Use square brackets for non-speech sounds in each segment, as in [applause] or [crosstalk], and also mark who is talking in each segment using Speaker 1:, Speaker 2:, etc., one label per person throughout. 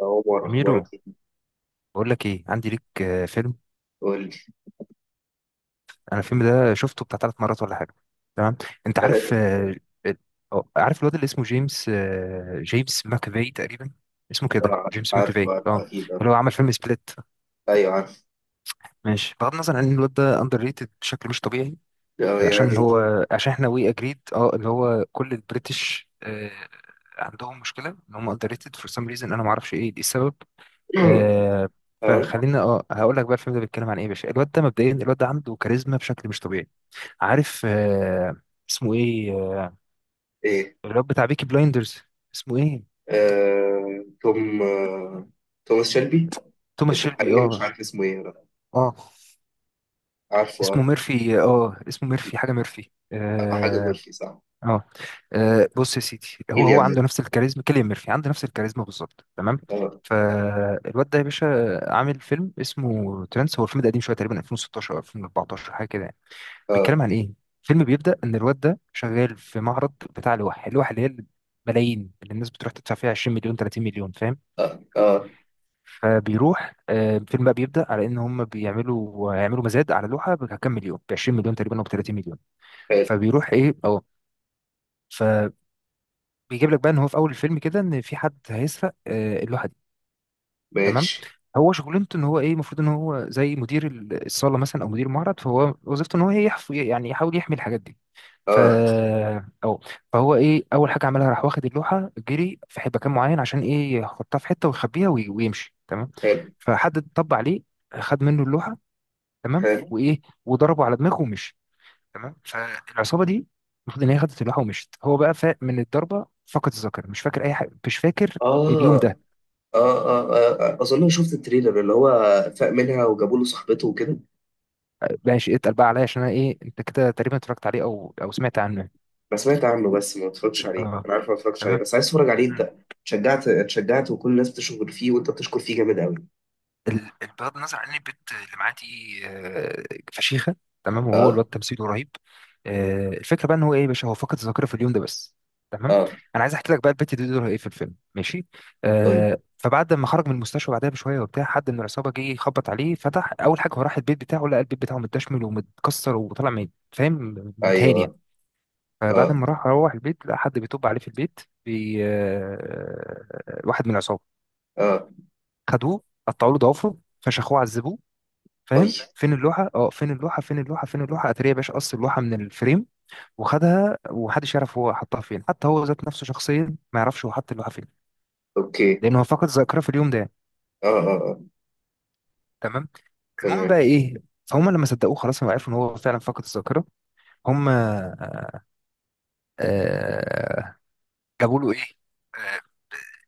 Speaker 1: عمر أخبارك
Speaker 2: أميرو،
Speaker 1: إيه؟
Speaker 2: بقول لك إيه، عندي ليك فيلم.
Speaker 1: قول لي.
Speaker 2: أنا الفيلم ده شفته بتاع ثلاث مرات ولا حاجة. تمام. أنت عارف
Speaker 1: تلاتة.
Speaker 2: ال- عارف الواد اللي اسمه جيمس، جيمس ماكافي تقريبا. اسمه كده
Speaker 1: آه،
Speaker 2: جيمس
Speaker 1: عارفه
Speaker 2: ماكافي
Speaker 1: عارفه
Speaker 2: اه.
Speaker 1: أكيد
Speaker 2: اللي هو
Speaker 1: عارفه.
Speaker 2: عمل فيلم سبليت.
Speaker 1: أيوه عارف.
Speaker 2: ماشي. بغض النظر عن ان الواد ده اندر ريتد بشكل مش طبيعي.
Speaker 1: آه يعني.
Speaker 2: عشان احنا وي اجريد اللي هو كل البريتش، عندهم مشكله ان هم اندر ريتد فور سام ريزن. انا ما اعرفش ايه دي السبب.
Speaker 1: [clears throat]
Speaker 2: آه
Speaker 1: آه.
Speaker 2: فخلينا هقول لك بقى الفيلم ده بيتكلم عن ايه يا باشا. الواد ده مبدئيا، الواد ده عنده كاريزما بشكل مش طبيعي. عارف اسمه ايه
Speaker 1: إيه.
Speaker 2: الواد بتاع بيكي بلايندرز. اسمه ايه؟
Speaker 1: توم توماس شيلبي.
Speaker 2: توماس
Speaker 1: اسمه
Speaker 2: شيلبي
Speaker 1: حقيقي مش
Speaker 2: اه.
Speaker 1: عارف اسمه إيه أنا.
Speaker 2: اه،
Speaker 1: عارفه
Speaker 2: اسمه
Speaker 1: آه
Speaker 2: ميرفي اه، اسمه ميرفي، حاجه ميرفي،
Speaker 1: آه، حاجة
Speaker 2: اه
Speaker 1: غلطي صح.
Speaker 2: اه. بص يا سيدي، هو
Speaker 1: كيليان
Speaker 2: عنده
Speaker 1: ميرفي.
Speaker 2: نفس الكاريزما، كيليان ميرفي عنده نفس الكاريزما بالظبط. تمام.
Speaker 1: آه.
Speaker 2: فالواد ده يا باشا عامل فيلم اسمه ترانس. هو الفيلم ده قديم شويه، تقريبا 2016 او 2014، حاجه كده يعني.
Speaker 1: آه
Speaker 2: بيتكلم عن ايه؟ الفيلم بيبدأ ان الواد ده شغال في معرض بتاع اللوح اللي هي ملايين، اللي الناس بتروح تدفع فيها 20 مليون، 30 مليون، فاهم.
Speaker 1: آه آه.
Speaker 2: فبيروح، الفيلم بقى بيبدأ على ان هم يعملوا مزاد على لوحة بكام مليون، ب 20 مليون تقريبا او ب 30 مليون.
Speaker 1: حلو.
Speaker 2: فبيروح ايه اه فبيجيب لك بقى ان هو في اول الفيلم كده ان في حد هيسرق، اللوحة. تمام.
Speaker 1: ماشي.
Speaker 2: هو شغلانته ان هو ايه، المفروض ان هو زي مدير الصاله مثلا او مدير المعرض. فهو وظيفته ان هو ايه، يعني يحاول يحمي الحاجات دي. ف
Speaker 1: آه.
Speaker 2: او فهو ايه، اول حاجه عملها راح واخد اللوحه جري في مكان معين، عشان ايه، يحطها في حته ويخبيها ويمشي. تمام.
Speaker 1: حلو.
Speaker 2: فحد طب عليه، خد منه اللوحه. تمام
Speaker 1: حلو.
Speaker 2: وايه، وضربه على دماغه ومشي. تمام. فالعصابه دي المفروض ان هي خدت اللوحه ومشت. هو بقى فاق من الضربه، فقد الذاكره، مش فاكر اي حاجه، مش فاكر اليوم
Speaker 1: آه. آه.
Speaker 2: ده.
Speaker 1: آه, آه, آه أظن شفت التريلر اللي هو فاق منها وجابوا له صاحبته وكده.
Speaker 2: ماشي. اتقل بقى عليا، عشان انا ايه، انت كده تقريبا اتفرجت عليه او سمعت عنه.
Speaker 1: انا سمعت عنه بس ما اتفرجتش عليه،
Speaker 2: اه.
Speaker 1: انا عارف ما اتفرجتش عليه
Speaker 2: تمام.
Speaker 1: بس عايز اتفرج عليه،
Speaker 2: مم.
Speaker 1: انت. اتشجعت اتشجعت وكل الناس بتشكر فيه وانت بتشكر فيه جامد قوي.
Speaker 2: بغض النظر عن إن البت اللي معاه دي، فشيخه. تمام. وهو
Speaker 1: اه
Speaker 2: الواد تمثيله رهيب. الفكره بقى ان هو ايه يا باشا، هو فقد الذاكره في اليوم ده بس. تمام.
Speaker 1: اه.
Speaker 2: انا عايز احكي لك بقى البت دي دورها ايه في الفيلم. ماشي.
Speaker 1: قول.
Speaker 2: فبعد ما خرج من المستشفى بعدها بشويه وبتاع، حد من العصابه جه يخبط عليه فتح. اول حاجه هو راح البيت بتاعه، لقى البيت بتاعه متدشمل ومتكسر وطالع فاهم، متهاني يعني.
Speaker 1: ايوه.
Speaker 2: فبعد
Speaker 1: اه
Speaker 2: ما راح روح البيت لقى حد بيطب عليه في البيت، بي... آه، واحد من العصابه.
Speaker 1: اه.
Speaker 2: خدوه، قطعوا له ضوافره، فشخوه، عذبوه،
Speaker 1: اي.
Speaker 2: فاهم، فين اللوحه، اه فين اللوحه، فين اللوحه، فين اللوحه. اتاري يا باشا، قص اللوحه من الفريم وخدها. ومحدش يعرف هو حطها فين، حتى هو ذات نفسه شخصيا ما يعرفش هو حط اللوحه فين،
Speaker 1: اوكي.
Speaker 2: لان هو فقد الذاكره في اليوم ده.
Speaker 1: اه اه اه.
Speaker 2: تمام. المهم
Speaker 1: تمام.
Speaker 2: بقى ايه، فهم لما صدقوه خلاص هم عرفوا ان هو فعلا فقد الذاكره. هم آه، جابوا له ايه، آه،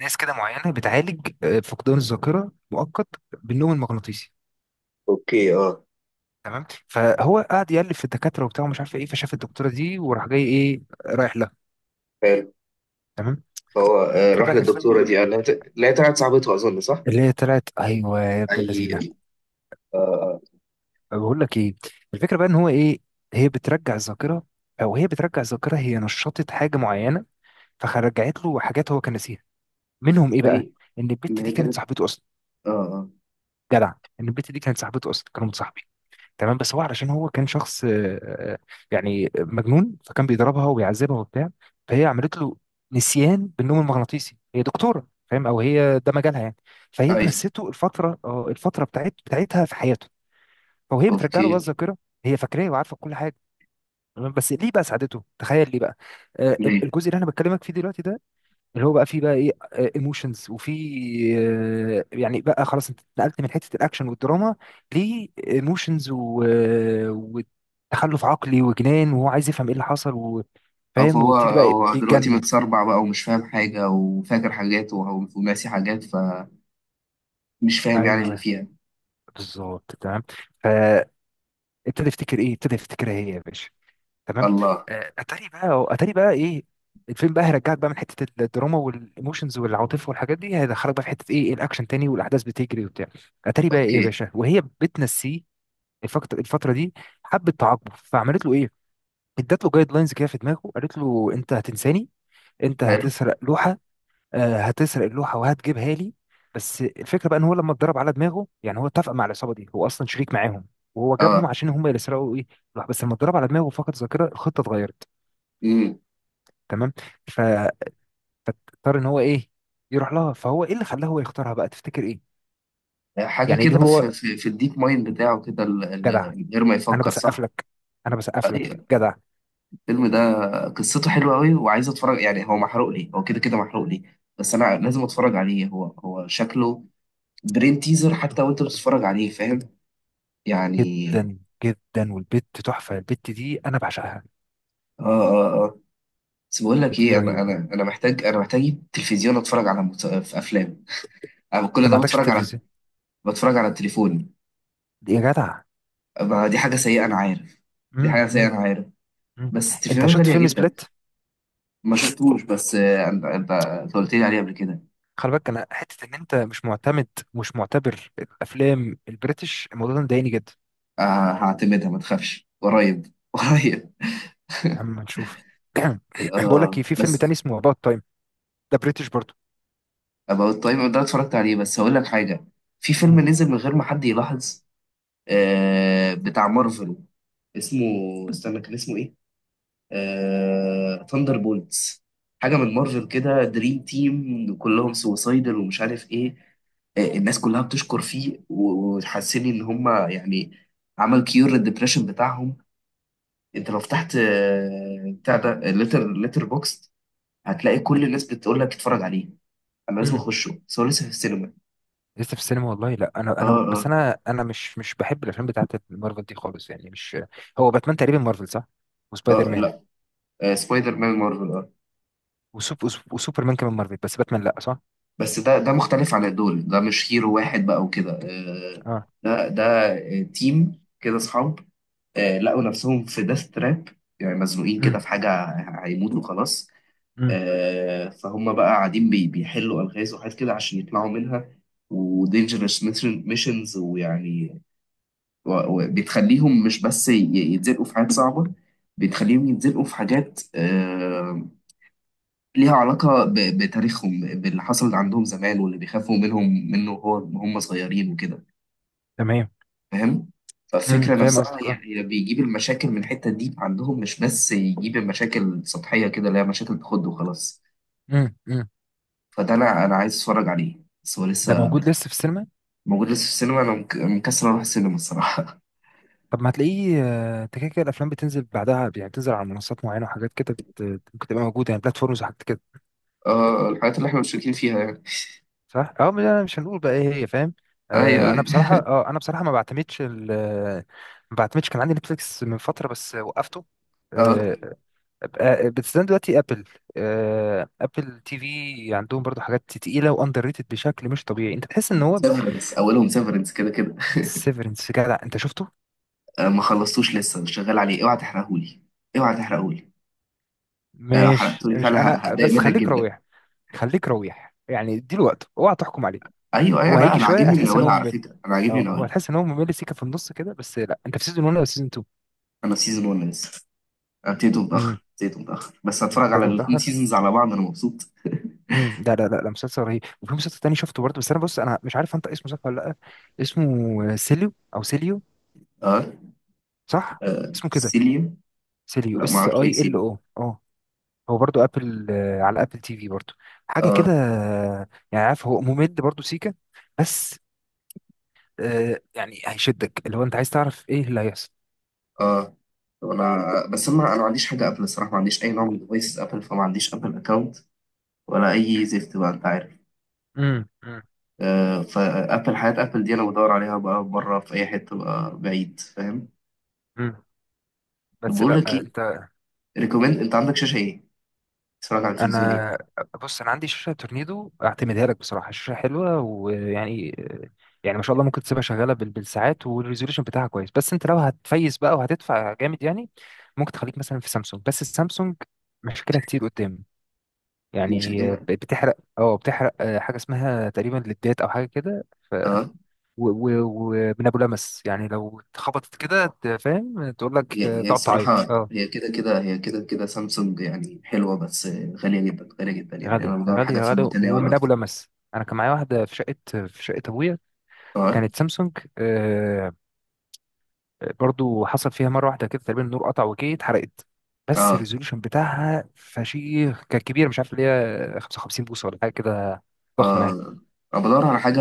Speaker 2: ناس كده معينه بتعالج فقدان الذاكره مؤقت بالنوم المغناطيسي.
Speaker 1: اوكي. اه.
Speaker 2: تمام. فهو قعد يألف في الدكاتره وبتاع ومش عارف ايه، فشاف الدكتوره دي وراح جاي ايه رايح لها.
Speaker 1: حلو.
Speaker 2: تمام.
Speaker 1: فهو
Speaker 2: الفكره
Speaker 1: راح
Speaker 2: بقى
Speaker 1: للدكتوره دي قال لها لا، هي طلعت صاحبته اظن صح؟
Speaker 2: اللي هي طلعت، ايوه يا ابن اللذينه.
Speaker 1: اي. اه اه.
Speaker 2: بقول لك ايه، الفكره بقى ان هو ايه، هي بترجع الذاكره، او هي بترجع الذاكره، هي نشطت حاجه معينه فرجعت له حاجات هو كان ناسيها. منهم ايه بقى،
Speaker 1: زي.
Speaker 2: ان
Speaker 1: ان
Speaker 2: البت
Speaker 1: هي
Speaker 2: دي كانت
Speaker 1: كانت.
Speaker 2: صاحبته اصلا.
Speaker 1: اه اه.
Speaker 2: جدع. ان البت دي كانت صاحبته اصلا، كانوا متصاحبين. تمام. بس هو علشان هو كان شخص آه، يعني مجنون، فكان بيضربها وبيعذبها وبتاع. فهي عملت له نسيان بالنوم المغناطيسي، هي دكتوره فاهم، او هي ده مجالها يعني. فهي
Speaker 1: ايوه.
Speaker 2: نسيته الفتره بتاعتها في حياته. فهي بترجع له بقى
Speaker 1: اوكي.
Speaker 2: الذاكره، هي فاكراه وعارفه كل حاجه. تمام. بس ليه بقى ساعدته؟ تخيل، ليه بقى؟
Speaker 1: ليه؟
Speaker 2: الجزء اللي انا بكلمك فيه دلوقتي ده، اللي هو بقى فيه بقى ايه، ايموشنز وفي يعني، بقى خلاص انت اتنقلت من حته الاكشن والدراما لايموشنز وتخلف عقلي وجنان، وهو عايز يفهم ايه اللي حصل
Speaker 1: اه،
Speaker 2: وفاهم
Speaker 1: فهو
Speaker 2: ويبتدي بقى
Speaker 1: هو دلوقتي
Speaker 2: بيتجنن.
Speaker 1: متسربع بقى ومش فاهم حاجه وفاكر حاجات وناسي حاجات. مش فاهم يعني اللي
Speaker 2: ايوه
Speaker 1: فيها.
Speaker 2: بالظبط. تمام. فابتدى يفتكر ايه، ابتدى يفتكرها هي يا باشا. تمام.
Speaker 1: الله.
Speaker 2: اتاري بقى ايه، الفيلم بقى هيرجعك بقى من حته الدراما والايموشنز والعاطفه والحاجات دي، هيدخلك بقى في حته ايه، الاكشن تاني والاحداث بتجري وبتاع. اتاري بقى ايه يا
Speaker 1: اوكي.
Speaker 2: باشا، وهي بتنسيه الفتره دي، حبت تعاقبه فعملت له ايه، ادت له جايد لاينز كده في دماغه، قالت له انت هتنساني، انت
Speaker 1: حلو.
Speaker 2: هتسرق لوحه، هتسرق اللوحه وهتجيبها لي. بس الفكره بقى ان هو لما اتضرب على دماغه، يعني هو اتفق مع العصابه دي، هو اصلا شريك معاهم، وهو جابهم
Speaker 1: اه.
Speaker 2: عشان هم اللي سرقوا ايه، اللوحه. بس لما اتضرب على دماغه فقد ذاكره، الخطه اتغيرت.
Speaker 1: امم.
Speaker 2: تمام. فاضطر ان هو ايه يروح لها. فهو ايه اللي خلاه هو يختارها بقى، تفتكر ايه؟
Speaker 1: حاجه
Speaker 2: يعني ليه
Speaker 1: كده في
Speaker 2: هو؟
Speaker 1: في, في الديب مايند بتاعه كده
Speaker 2: جدع،
Speaker 1: من غير ما
Speaker 2: انا
Speaker 1: يفكر
Speaker 2: بسقف
Speaker 1: صح.
Speaker 2: لك، انا بسقف لك
Speaker 1: أيوة.
Speaker 2: جدع.
Speaker 1: الفيلم ده قصته حلوه قوي وعايز اتفرج يعني، هو محروق لي هو كده كده محروق لي. بس انا لازم اتفرج عليه، هو شكله برين تيزر حتى وانت بتتفرج عليه فاهم. يعني.
Speaker 2: جدا جدا. والبت تحفه، البت دي انا بعشقها،
Speaker 1: اه اه اه. بس بقول لك
Speaker 2: البت دي
Speaker 1: ايه، انا انا
Speaker 2: رهيبه.
Speaker 1: انا محتاج انا محتاج تلفزيون اتفرج على في افلام. انا
Speaker 2: انت
Speaker 1: كل
Speaker 2: ما
Speaker 1: ده
Speaker 2: عندكش
Speaker 1: بتفرج على
Speaker 2: التلفزيون
Speaker 1: بتفرج على التليفون.
Speaker 2: دي يا جدع؟
Speaker 1: ما دي حاجة سيئة أنا عارف. دي
Speaker 2: مم.
Speaker 1: حاجة سيئة
Speaker 2: مم.
Speaker 1: أنا عارف.
Speaker 2: مم.
Speaker 1: بس
Speaker 2: انت
Speaker 1: التليفونات
Speaker 2: شفت
Speaker 1: غالية
Speaker 2: فيلم
Speaker 1: جدا.
Speaker 2: سبليت.
Speaker 1: ما شفتوش بس أنت قلت لي عليها قبل كده.
Speaker 2: خلي بالك، انا حته ان انت مش معتمد، مش معتبر الافلام البريتش، الموضوع ده مضايقني جدا.
Speaker 1: آه هعتمدها ما تخافش قريب [laughs] قريب.
Speaker 2: اما نشوف. [clears throat] بقول لك إيه،
Speaker 1: آه
Speaker 2: في فيلم تاني
Speaker 1: بس
Speaker 2: اسمه اباوت تايم، ده بريتش برضه.
Speaker 1: أبقى التايم ده اتفرجت عليه بس هقول لك حاجة. في فيلم
Speaker 2: مم.
Speaker 1: نزل من غير ما حد يلاحظ، بتاع مارفل، اسمه. استنى كان اسمه إيه؟ ثاندر بولتس. حاجه من مارفل كده، دريم تيم كلهم سوسايدر ومش عارف ايه. الناس كلها بتشكر فيه وتحسني ان هم يعني عمل كيور للدبريشن بتاعهم. انت لو فتحت بتاع ده ليتر بوكس هتلاقي كل الناس بتقول لك اتفرج عليه. انا لازم
Speaker 2: مم.
Speaker 1: اخشه بس هو لسه في السينما.
Speaker 2: لسه في السينما والله. لا، انا
Speaker 1: اه
Speaker 2: انا بس،
Speaker 1: اه
Speaker 2: انا مش بحب الافلام بتاعت مارفل دي خالص، يعني مش. هو باتمان تقريبا مارفل، صح؟ وسبايدر
Speaker 1: اه.
Speaker 2: مان
Speaker 1: لا، سبايدر مان مارفل اه.
Speaker 2: وسوبرمان كمان مارفل، بس باتمان لا، صح؟
Speaker 1: بس ده مختلف عن دول، ده مش هيرو واحد بقى وكده. آه
Speaker 2: اه.
Speaker 1: ده ده آه، تيم كده اصحاب، لقوا نفسهم في ديث تراب يعني، مزنوقين
Speaker 2: امم.
Speaker 1: كده في حاجة، هيموتوا خلاص.
Speaker 2: امم.
Speaker 1: فهم بقى قاعدين بيحلوا ألغاز وحاجات كده عشان يطلعوا منها ودينجرس ميشنز ويعني وبتخليهم مش بس يتزنقوا في حاجات صعبة، بتخليهم يتزنقوا في حاجات ليها علاقة بتاريخهم باللي حصل عندهم زمان واللي بيخافوا منه هو هم صغيرين وكده
Speaker 2: تمام.
Speaker 1: فاهم.
Speaker 2: امم.
Speaker 1: فالفكرة
Speaker 2: فاهم
Speaker 1: نفسها،
Speaker 2: قصدك، اه.
Speaker 1: هي بيجيب المشاكل من الحتة دي عندهم، مش بس يجيب المشاكل سطحية كده اللي هي مشاكل تخد وخلاص.
Speaker 2: امم. امم.
Speaker 1: فده أنا عايز أتفرج عليه بس هو
Speaker 2: ده
Speaker 1: لسه
Speaker 2: موجود لسه في السينما.
Speaker 1: موجود لسه في السينما. أنا مكسر أروح السينما الصراحة.
Speaker 2: طب ما هتلاقيه، انت كده كده الافلام بتنزل بعدها يعني، بتنزل على منصات معينه وحاجات كده ممكن تبقى موجوده يعني، بلاتفورمز وحاجات كده،
Speaker 1: [laughs] اه الحاجات اللي احنا مشتركين فيها يعني.
Speaker 2: صح. اه، ما انا مش هنقول بقى ايه هي، فاهم.
Speaker 1: ايوه
Speaker 2: انا
Speaker 1: ايوه.
Speaker 2: بصراحه انا بصراحه ما بعتمدش ما بعتمدش. كان عندي نتفليكس من فتره بس وقفته.
Speaker 1: اه،
Speaker 2: بتستخدم دلوقتي ابل، ابل تي في، عندهم برضو حاجات تقيله واندر ريتد بشكل مش طبيعي، انت تحس ان هو.
Speaker 1: سيفرنس، اولهم سيفرنس كده كده.
Speaker 2: سيفرنس، جدع، انت شفته؟
Speaker 1: آه ما خلصتوش لسه، مش شغال عليه، اوعى تحرقهولي اوعى تحرقهولي. لو
Speaker 2: مش
Speaker 1: حرقتولي
Speaker 2: مش
Speaker 1: فعلا
Speaker 2: انا
Speaker 1: هتضايق
Speaker 2: بس
Speaker 1: منك
Speaker 2: خليك
Speaker 1: جدا.
Speaker 2: رويح، خليك رويح يعني اديله وقت، اوعى تحكم عليه.
Speaker 1: ايوه ايوه.
Speaker 2: هو
Speaker 1: لا
Speaker 2: هيجي
Speaker 1: انا
Speaker 2: شويه
Speaker 1: عاجبني من
Speaker 2: هتحس ان هو
Speaker 1: اولها على
Speaker 2: ممل،
Speaker 1: فكره، انا عاجبني
Speaker 2: اه،
Speaker 1: من
Speaker 2: هو
Speaker 1: اولها.
Speaker 2: هتحس ان هو ممل، سيكه في النص كده بس. لا انت في سيزون 1 ولا سيزون 2؟
Speaker 1: انا في سيزون 1 لسه. ابتديته
Speaker 2: امم.
Speaker 1: متأخر ابتديته متأخر بس هتفرج على
Speaker 2: بدايته
Speaker 1: الاتنين
Speaker 2: متاخر.
Speaker 1: سيزونز على بعض، انا مبسوط.
Speaker 2: امم. لا لا لا لا، مسلسل رهيب. وفي مسلسل تاني شفته برضه، بس انا بص انا مش عارف انت اسمه صح ولا لا. اسمه سيليو او سيليو،
Speaker 1: اه.
Speaker 2: صح؟
Speaker 1: آه.
Speaker 2: اسمه كده،
Speaker 1: سيليو.
Speaker 2: سيليو،
Speaker 1: لا ما
Speaker 2: اس
Speaker 1: اعرفش ايه
Speaker 2: اي ال
Speaker 1: سيليو.
Speaker 2: او اه. هو برضو ابل، على ابل تي في برضو، حاجه كده.
Speaker 1: اه
Speaker 2: يعني عارف، هو ممل برضو سيكا بس. يعني هيشدك اللي هو انت عايز تعرف ايه اللي هيحصل.
Speaker 1: اه. انا بس
Speaker 2: بس
Speaker 1: انا انا ما عنديش حاجه ابل الصراحه، ما عنديش اي نوع من ديفايسز ابل، فما عنديش ابل اكونت ولا اي زفت بقى انت عارف.
Speaker 2: امم امم
Speaker 1: فابل، حياه ابل دي انا بدور عليها بقى بره في اي حته بقى بعيد فاهم.
Speaker 2: امم بس
Speaker 1: بقول
Speaker 2: لا.
Speaker 1: لك ايه،
Speaker 2: انت.
Speaker 1: ريكومند، انت عندك شاشه ايه؟ تتفرج على التلفزيون ايه؟
Speaker 2: انا بص انا عندي شاشه تورنيدو، اعتمدها لك بصراحه، شاشه حلوه ويعني، يعني ما شاء الله، ممكن تسيبها شغاله بالساعات، والريزوليوشن بتاعها كويس. بس انت لو هتفيز بقى وهتدفع جامد يعني، ممكن تخليك مثلا في سامسونج. بس السامسونج مشكله كتير قدام،
Speaker 1: شاشه
Speaker 2: يعني
Speaker 1: كده.
Speaker 2: بتحرق، بتحرق حاجه اسمها تقريبا ليدات او حاجه كده. ف
Speaker 1: آه.
Speaker 2: ومن ابو لمس يعني لو اتخبطت كده فاهم، تقول لك
Speaker 1: هي هي
Speaker 2: تقعد تعيط.
Speaker 1: الصراحة،
Speaker 2: اه.
Speaker 1: هي كده كده هي كده كده سامسونج يعني حلوة بس غالية جدا غالية جدا يعني. أنا
Speaker 2: غالي
Speaker 1: بدور حاجة
Speaker 2: غالي
Speaker 1: في
Speaker 2: غالي.
Speaker 1: المتناول
Speaker 2: ومن ابو
Speaker 1: أكتر.
Speaker 2: لمس، انا كان معايا واحده في شقه، في شقه ابويا،
Speaker 1: اه
Speaker 2: كانت سامسونج، برضو حصل فيها مره واحده كده، تقريبا النور قطع وكده اتحرقت. بس
Speaker 1: اه
Speaker 2: الريزوليوشن بتاعها فشيخ، كان كبير، مش عارف اللي هي 55 بوصه ولا حاجه كده، ضخمه يعني.
Speaker 1: اه. أنا بدور على حاجة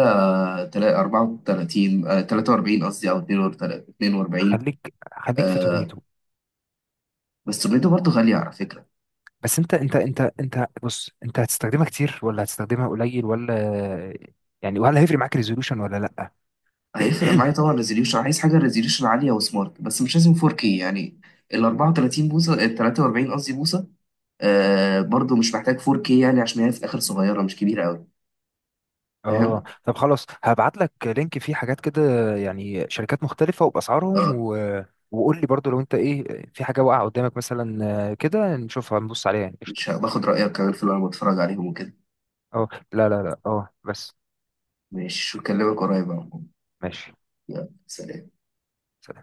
Speaker 1: 34 43 قصدي أو 42.
Speaker 2: خليك خليك في
Speaker 1: آه
Speaker 2: تورنيدو.
Speaker 1: بس سميته برضه غالية على فكرة.
Speaker 2: بس انت انت انت انت بص، انت هتستخدمها كتير ولا هتستخدمها قليل، ولا يعني، وهل هيفرق معاك ريزولوشن ولا لا.
Speaker 1: هيفرق
Speaker 2: [clears throat]
Speaker 1: معايا طبعا ريزوليوشن، عايز حاجة ريزوليوشن عالية وسمارت بس مش لازم 4K يعني. ال 34 بوصة ال 43 قصدي بوصة. آه برضه مش محتاج 4K يعني عشان هي في الآخر صغيرة مش كبيرة أوي.
Speaker 2: اه،
Speaker 1: فاهم؟
Speaker 2: طب خلاص، هبعت لك لينك فيه حاجات كده، يعني شركات مختلفة وبأسعارهم
Speaker 1: آه،
Speaker 2: و... وقول لي برضو لو انت ايه، في حاجة واقعة قدامك مثلا، كده نشوفها نبص عليها يعني،
Speaker 1: مش
Speaker 2: قشطة.
Speaker 1: باخد رأيك كمان في اللي أنا بتفرج عليهم وكده.
Speaker 2: اه. لا لا لا. اه بس.
Speaker 1: ماشي أكلمك قريب يا عم.
Speaker 2: ماشي،
Speaker 1: يلا سلام.
Speaker 2: سلام.